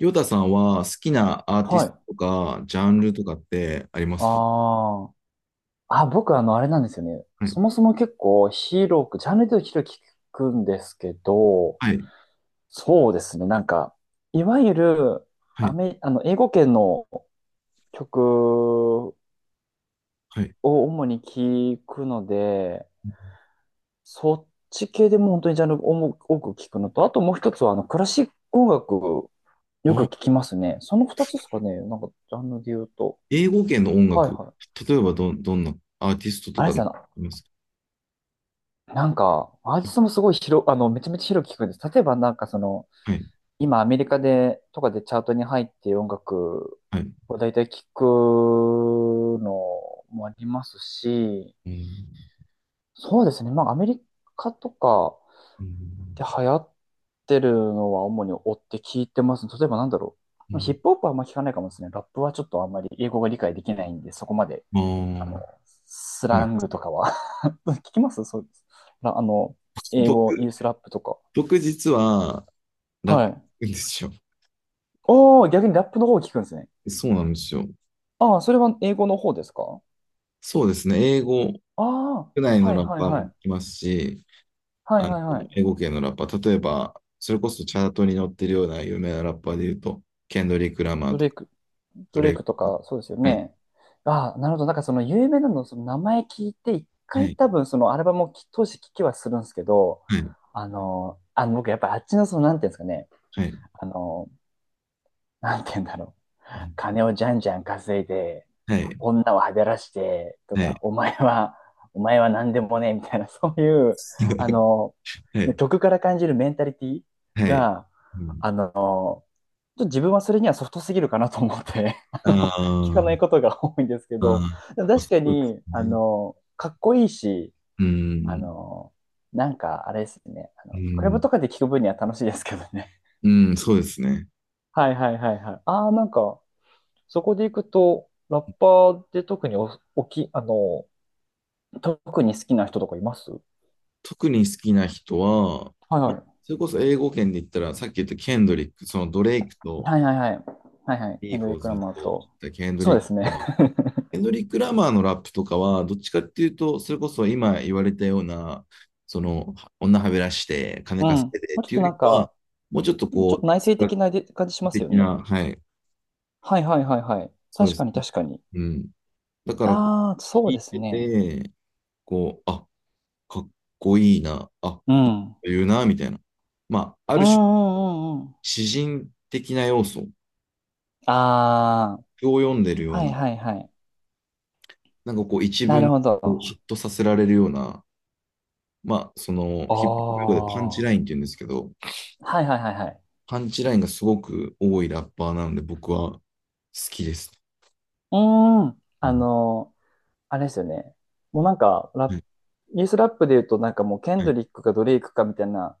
ヨタさんは好きなアーティはスい。トとか、ジャンルとかってありますか？ああ。あ、僕あれなんですよね。はい。そもそも結構広く、ジャンルで言うと広く聞くんですけど、はい。そうですね。なんか、いわゆる、はアい。メ、あの、英語圏の曲をはい。主に聞くので、そっち系でも本当にジャンルを多く多く聞くのと、あともう一つは、クラシック音楽、よくあ、聞きますね。その二つですかね。なんか、ジャンルで言うと。英語圏の音はい楽。はい。例えばどんなアーティストとあれかであすりよね。ますか？なんか、アーティストもすごい広、あの、めちゃめちゃ広く聞くんです。例えばなんかその、はい。今アメリカで、とかでチャートに入ってる音楽はい。を大体聞くのもありますし、うん。そうですね。まあアメリカとかうん。で流行ってるのは主に追って聞いてます。例えばなんだろうう。ヒッん。プホップはあんま聞かないかもですね。ラップはちょっとあんまり英語が理解できないんで、そこまで、ああの、ー。スはラい。ングとかは 聞きますそうです。あの、英語、ユ僕、ースラップとか。僕実はラッはプい。なんですよ。おー、逆にラップの方を聞くんですね。そうなんですよ。ああ、それは英語の方ですか？そうですね。英語、ああ国内のはいラッはいパーはも聞い。きますし、はいあの、はいはい。英語系のラッパー。例えば、それこそチャートに載ってるような有名なラッパーで言うと、ケンドリック・ラマードとレイか、ク、ドドレレイイククととか。か、そうですよはい、ね。ああ、なるほど。なんかその有名なの、その名前聞いて、一は回い、多分そのアルバムを当時聞きはするんですけど、はい、僕やっぱあっちのその、なんていうんですかね。はい、あの、なんていうんだろう。金をじゃんじゃん稼いで、はい、女をはべらしてとはか、い、お前は何でもね、みたいな、そういう、あ の、はい、曲から感じるメンタリティはい。が、うん。あの、ちょっと自分はそれにはソフトすぎるかなと思って あ聞かなー。いことが多いんですけど、あでもー、確そかうですに、ね。かっこいいし、うあん、の、なんか、あれですね、うクラブん、とかで聞く分には楽しいですけどね。うん、そうですね。はいはいはいはい。ああ、なんか、そこで行くと、ラッパーで特にお、おき、あの、特に好きな人とかいますは特に好きな人は、いまはあ、い。それこそ英語圏で言ったら、さっき言ったケンドリック、そのドレイクとはいはいはい。はいはい。ビケーンドフリッをク・ずラっマーとしと。てたケンドそうリでック・すラね。マエ ンドリック・ラマーのラップとかは、どっちかっていうと、それこそ今言われたような、その、女はべらして、金うん。稼もいでっうちょっていとうよなりんかは、か、もうちょっとちょっこう、と内哲省学的なで感じしますよ的ね。な、はい、はいはいはいはい。そうで確かすにね。確かに。うん。だからこああ、う、そ聞ういですてね。て、こう、あ、かっこいいな、あ、ういいこん。と言うな、みたいな。まあ、あうんる種、うんうんうん。詩人的な要素ああ、を読んでるようはいな、はいはい。なんかこう、一な文るほをど。ヒッとさせられるような、まあ、その、あヒップホップ用語でパンチあ、ラインって言うんですけど、はいはいはいはい。パンチラインがすごく多いラッパーなので、僕は好きです。うーん。うん。あれですよね。もうなんか、ラッはプ、い。イエスラップで言うとなんかもうケンはドい。リックかドレイクかみたいな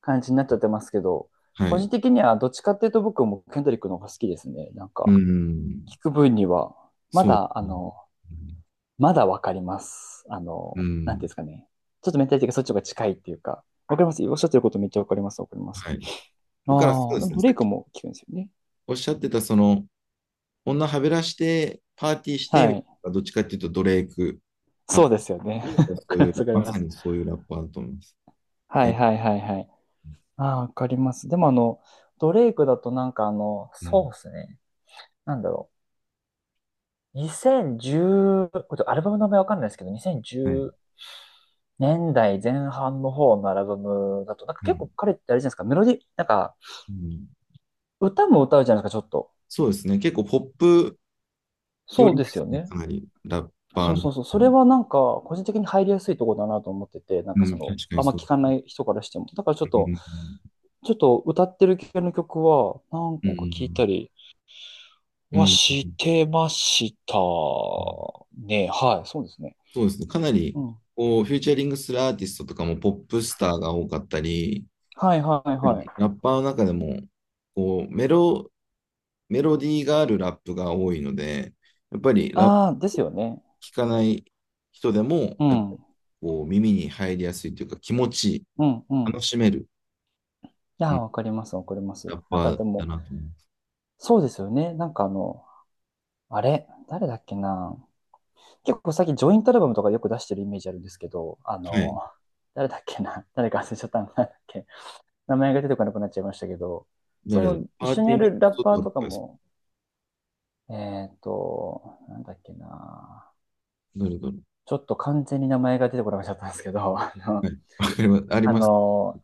感じになっちゃってますけど、は個人い。的にはどっちかっていうと僕もケンドリックの方が好きですね。なんうか、ん。聞く分には、まそうでだ、すね。まだわかります。うなんていうんでん。すかね。ちょっとメンタリティがそっちの方が近いっていうか、わかりますおっしゃってることめっちゃわかります。わかります。はい。だからそうああ、ででもすね。ドレさイっクきも聞くんですよね。おっしゃってた、その、女はべらして、パーティーして、はみたいい。な、どっちかっていうとドレイクそう派、ですよね。そ うわかりいまう、す。わかりままさす。にそういうラッパーだと思います。はいえ、はいはいはい。ああ、わかります。でもドレイクだとなんかうそん。うですね。なんだろう。2010、これアルバムの名前わかんないですけど、2010はい。年代前半の方のアルバムだと、なんかは結構い。彼ってあれじゃないですか、メロディ、なんかうん。歌も歌うじゃないですか、ちょっと。そうですね。結構ポップ寄そうりでですすよね。ね。かなり、ラッパそうーの。そうそう。そうれん、はなんか、個人的に入りやすいところだなと思ってて、なんうかそんの、確かにあんまそう。聞かない人からしても。だからちうょっと、ん。ちょっと歌ってる系の曲は何う個か聞いん、たりうはん、してましたうん。ね。はい、そうですね。そうですね。かなり、うん。こう、フューチャリングするアーティストとかもポップスターが多かったり、はいはいはい。ラッパーの中でも、こう、メロ、メロディーがあるラップが多いので、やっぱりラップああ、ですよね。聞かない人でも、うやっぱん。こう、耳に入りやすいというか、気持ちいい、うんう楽ん。しめる、いうやー、ん、わかります、わかります。ラッなんパかーでだも、なと思いまそうですよね。なんかあれ、誰だっけな。結構最近ジョイントアルバムとかよく出してるイメージあるんですけど、す。はい。誰だっけな。誰か忘れちゃったんだっけ。名前が出てこなくなっちゃいましたけど、そ誰だ、の、一パー緒にテやィーネッるラットパーととかかですか？も、なんだっけな。誰だろちょっと完全に名前が出てこなくなっちゃったんですけど、う。はい。わかります。ありあます。の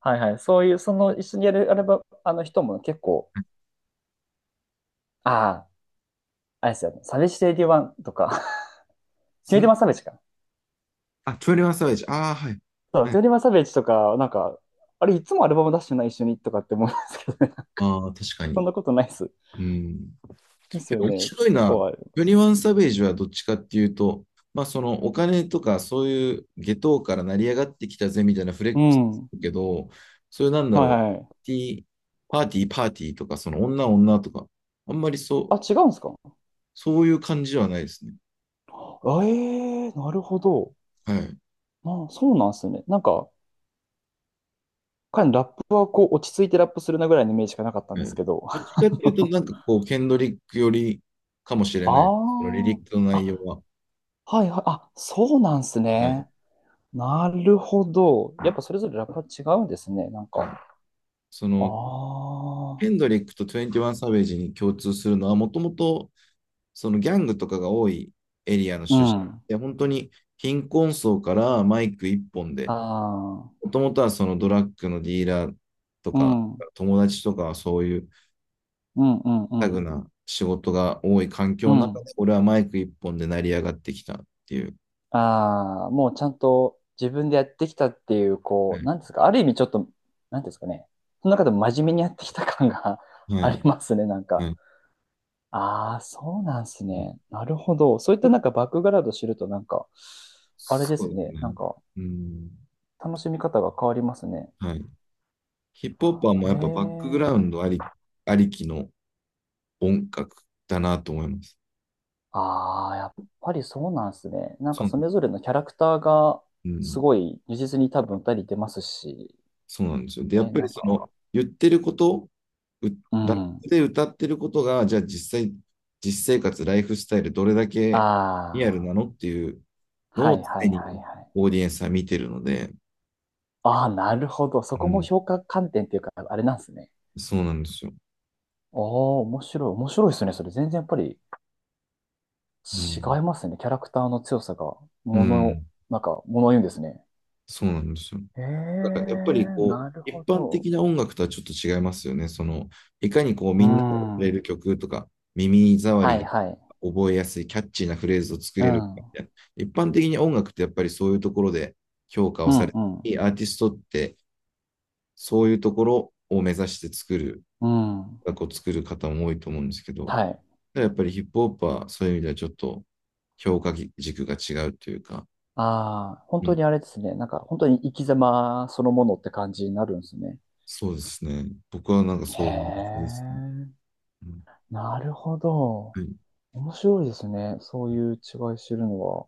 はいはい、そういう、その一緒にやる、あれば、あの人も結構、ああ、あれですよね、サベジワンとか、2マサベジか。あ、21サベージ。ああ、はい。そう、はい。2マサベジとか、なんか、あれ、いつもアルバム出してない一緒にとかって思うんですけどね。ああ、確かそんに。なことないです。うん。ですけよど面ね。白いとかな。はありますね。21サベージはどっちかっていうと、まあそのお金とかそういう下等から成り上がってきたぜみたいなフレッうクスん。はだけど、そういうなんいだろう、はい。パーティー、パーティー、パーティーとか、その女女とか、あんまりそう、あ、違うんですか？そういう感じはないですね。あええー、なるほど。はい。まあ、そうなんですね。なんか、彼のラップはこう、落ち着いてラップするなぐらいのイメージしかなかったんうですん、けど。どっちかっていう と、なんかこう、ケンドリックよりかもしれない。そのあリリックのあ、内容あ、は。はいはい、あ、そうなんすはい。ね。なるほど。はい。やっぱそれぞれラップは違うんですね、なんうか。ん、その、あヘあ、ンドリックと21サベージに共通するのは、もともとそのギャングとかが多いエリアのう出身ん。で、本当に貧困層からマイク一本あで、あ、もともとはそのドラッグのディーラーとうか、ん、うん、友達とかはそういううん、うタグん、な仕事が多い環境うの中で、ん。俺はマイク一本で成り上がってきたっていう。ああ、もうちゃんと自分でやってきたっていう、うこう、なんですか、ある意味ちょっと、なんですかね、その中でも真面目にやってきた感が ん。 はあい、りますね、なんはか。い、ああ、そうなんすうん。ね。なるほど。そういったなんかバックグラウンド知ると、なんか、あれでそすうですね。なね。んか、うん、楽しみ方が変わりますね。はい。ヒップホッパーもへやっぱバックグラウンえ。ドありきの音楽だなと思います。ああ、やっぱりそうなんですね。なんそかう、それぞれのキャラクターがうすん、ごい如実に多分たり出ますし、そうなんですよ。で、やっね、ぱなりんそか、の言ってること、う、うラッん。プで歌ってることが、じゃあ実際、実生活、ライフスタイル、どれだけリアルあなあ、のっていうはのをいは常いにはいはい。オーディエンスは見てるので、ああ、なるほど。そうこもん、評価観点っていうか、あれなんですね。そうなんですよ。ああ、面白い、面白いですね。それ全然やっぱりう違ん、いますね。キャラクターの強さが、うもの、ん、なんか、ものを言うんですね。そうなんですよ。へだからえ、やっぱりこう、なるほ一般ど。的な音楽とはちょっと違いますよね。その、いかにこう、うみんなが踊れるん。曲とか、耳障はいりはい。が覚えやすい、キャッチーなフレーズを作うれるかみん。たいな。一般的に音楽ってやっぱりそういうところで評価をうさんれうん。て、アーティストってそういうところを目指して作る、うん。音楽を作る方も多いと思うんですけど、はい。やっぱりヒップホップはそういう意味ではちょっと評価軸が違うというか、ああ、本う当ん、にあれですね。なんか本当に生き様そのものって感じになるんですね。そうですね。僕はなんかへそういう印ですね。え。うん。なるほど。はい。面白いですね。そういう違い知るのは。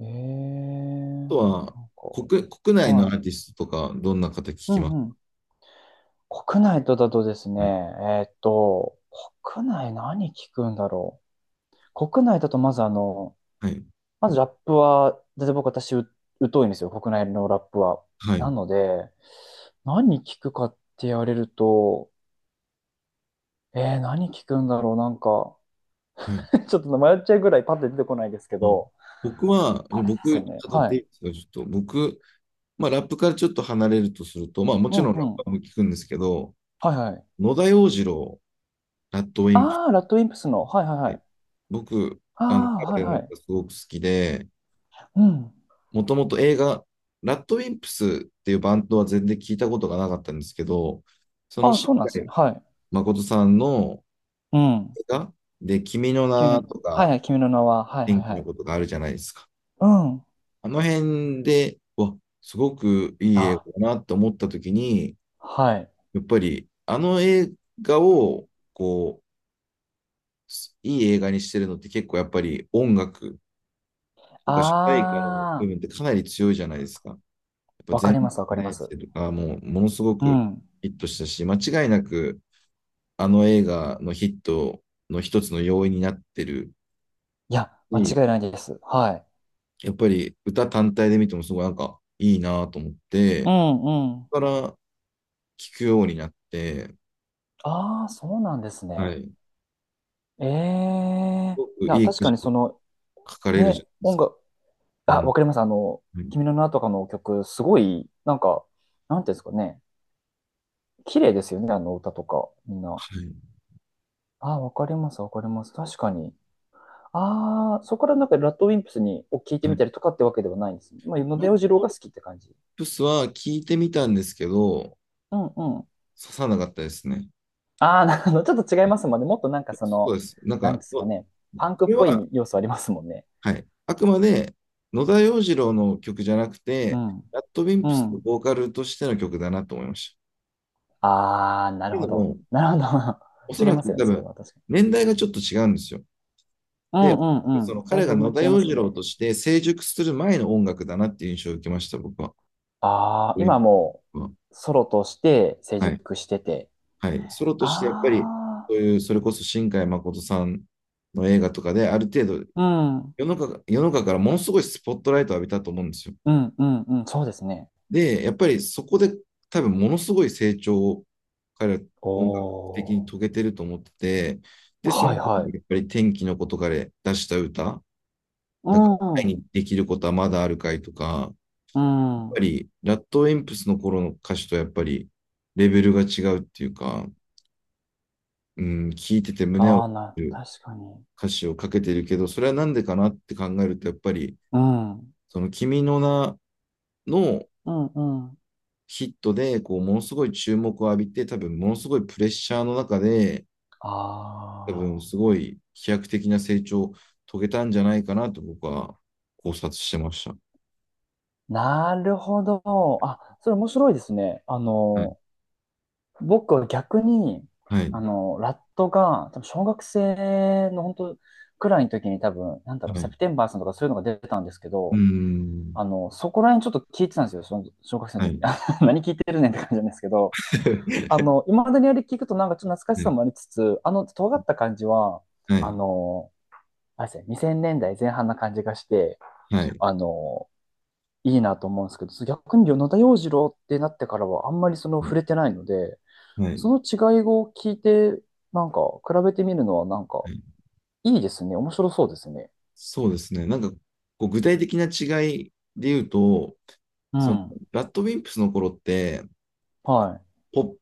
へえ。とは、なんか、国内のアはーい。ティストとか、どんな方聞うきんます？うん。国内とだとですね、はい。国内何聞くんだろう。国内だとまずはい。まずラップは、だって私疎いんですよ、国内のラップは。はない。ので、何聞くかって言われると、何聞くんだろう、なんか、はい。ちょっと迷っちゃうぐらいパッて出てこないですけあ、ど、僕は、じゃああれで僕、すよね。辿っはていい。いですか、ちょっと。僕、まあ、ラップからちょっと離れるとすると、まあ、もうちんろんラうッん。パーも聞くんですけど、はいはい。野田洋次郎、ラッドウィンプっああ、ラッドウィンプスの。はいはいはて、い。僕、ああの、あ、は彼のいはい。歌すごく好きで、うん。もともと映画、ラッドウィンプスっていうバンドは全然聞いたことがなかったんですけど、その、ああ、しそうなんっでかすね。りはい。誠さんのうん。映画で、君の君名の、とはいか、はい、君の名は。はいはい天気はのい。ことがあるじゃないですか。うん。あの辺で、わ、すごくいい映あ、画だなって思った時に、はい。やっぱりあの映画を、こう、いい映画にしてるのって結構やっぱり音楽とか主題歌の部あ分ってかなり強いじゃないですか。やっぱあ、わか全りますわかりま然す。生とかもうものすごうくん。ヒットしたし、間違いなくあの映画のヒットの一つの要因になってるいや、間し、違いないです。はい。やっぱり歌単体で見てもすごいなんかいいなと思って、うだんうん。から聞くようになって、ああ、そうなんですはい。ね。すええごくな、いい確歌か詞にその、書かれるじゃね、ないです音か。楽、うあ、ん。わかります。はい。君の名とかの曲、すごい、なんか、なんていうんですかね。綺麗ですよね、あの歌とか、みんな。あーわかります、わかります。確かに。ああ、そこからなんか、ラッドウィンプスを聞いてはみい。たりとかってわけではないんですね。まあ、野ラ出ッ洋次郎ドがリッ好きって感じ。プスは聞いてみたんですけど、うんうん。刺さなかったですね。ああ、なるほど。ちょっと違いはい。ますもんね。もっとなんかそそうの、です。なんなんでか、すかこね。パンクっれぽは、い要素ありますもんね。はい。あくまで野田洋次郎の曲じゃなくうて、ん。ラッドウィンうプスのん。ボーカルとしての曲だなと思いました。ああ、っなてるいほうのど。も、なるほど。お そ違いらますくよ多ね。それ分、は確かに。年代がちょっと違うんですよ。うんで、うんうそん。のだい彼がぶ野田違い洋ます次郎ね。として成熟する前の音楽だなっていう印象を受けました、僕は。ああ、今もうソロとして成はい。熟してて。はい。ソロとしてやっぱり、あそういう、それこそ新海誠さんの映画とかで、ある程度あ、うん。世の中からものすごいスポットライトを浴びたと思うんですよ。うんうんうん。そうですね。で、やっぱりそこで多分ものすごい成長を彼はお音楽的に遂ー。げてると思ってて、で、そのはい中はにい。やっぱり天気のことから出した歌、うだから前ん。にできることはまだあるかいとか、うぱん。り、ラットウィンプスの頃の歌手とやっぱり、レベルが違うっていうか、うん、聞いてて胸をああ、打る確かに。歌詞をかけてるけど、それはなんでかなって考えると、やっぱり、うん。その君の名のうんうん。ヒットで、こう、ものすごい注目を浴びて、多分、ものすごいプレッシャーの中で、あ多分、あ、すごい飛躍的な成長を遂げたんじゃないかなと僕は考察してました。なるほど。あ、それ面白いですね。うん。僕は逆に、はい。ラットが、多分小学生の本当くらいの時に多分、なんだろう、はセい。プテンバーさんとかそういうのが出たんですけうーど、ん。そこら辺ちょっと聞いてたんですよ、その小学生のは時に。い。あ何聞いてるねんって感じなんですけど、今までにあれ聞くとなんかちょっと 懐かしはさい。もありつつ、尖った感じは、はあい。の、あれですね、2000年代前半な感じがして、はい。あの、いいなと思うんですけど、逆に野田洋次郎ってなってからはあんまりそのは触い。れてないので、はい。その違いを聞いて、なんか比べてみるのはなんかはい。いいですね。面白そうですね。そうですね。なんか、こう具体的な違いで言うと、うその、ん。ラッドウィンプスの頃って、はい。ポップ、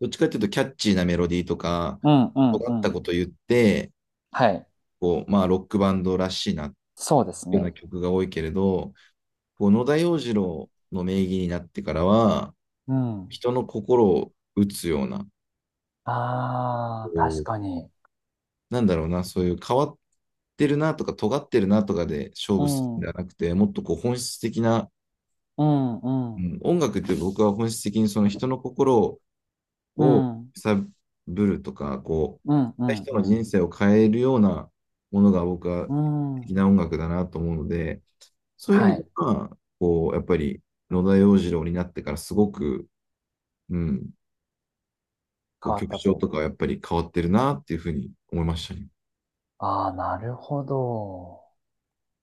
どっちかっていうとキャッチーなメロディーとか、うんうん尖うったこん。と言って、はい。こう、まあ、ロックバンドらしいなっそうですていうようなね。曲が多いけれど、こう野田洋次郎の名義になってからは、うん。人の心を打つような、こああ、確う、かに。なんだろうな、そういう変わってるなとか、尖ってるなとかで勝う負するんん。ではうなくて、もっとこう本質的な、んううん。ん、音楽って僕は本質的にその人の心うをん。揺さぶるとか、こうんうう、ん人の人う生を変えるようなものが僕はん。う的ん。な音楽だなと思うので、そういう意は味でい。は、こう、やっぱり野田洋次郎になってからすごく、うん、こう変わっ曲た調とと。かはやっぱり変わってるなっていうふうに思いましたね。ああ、なるほど。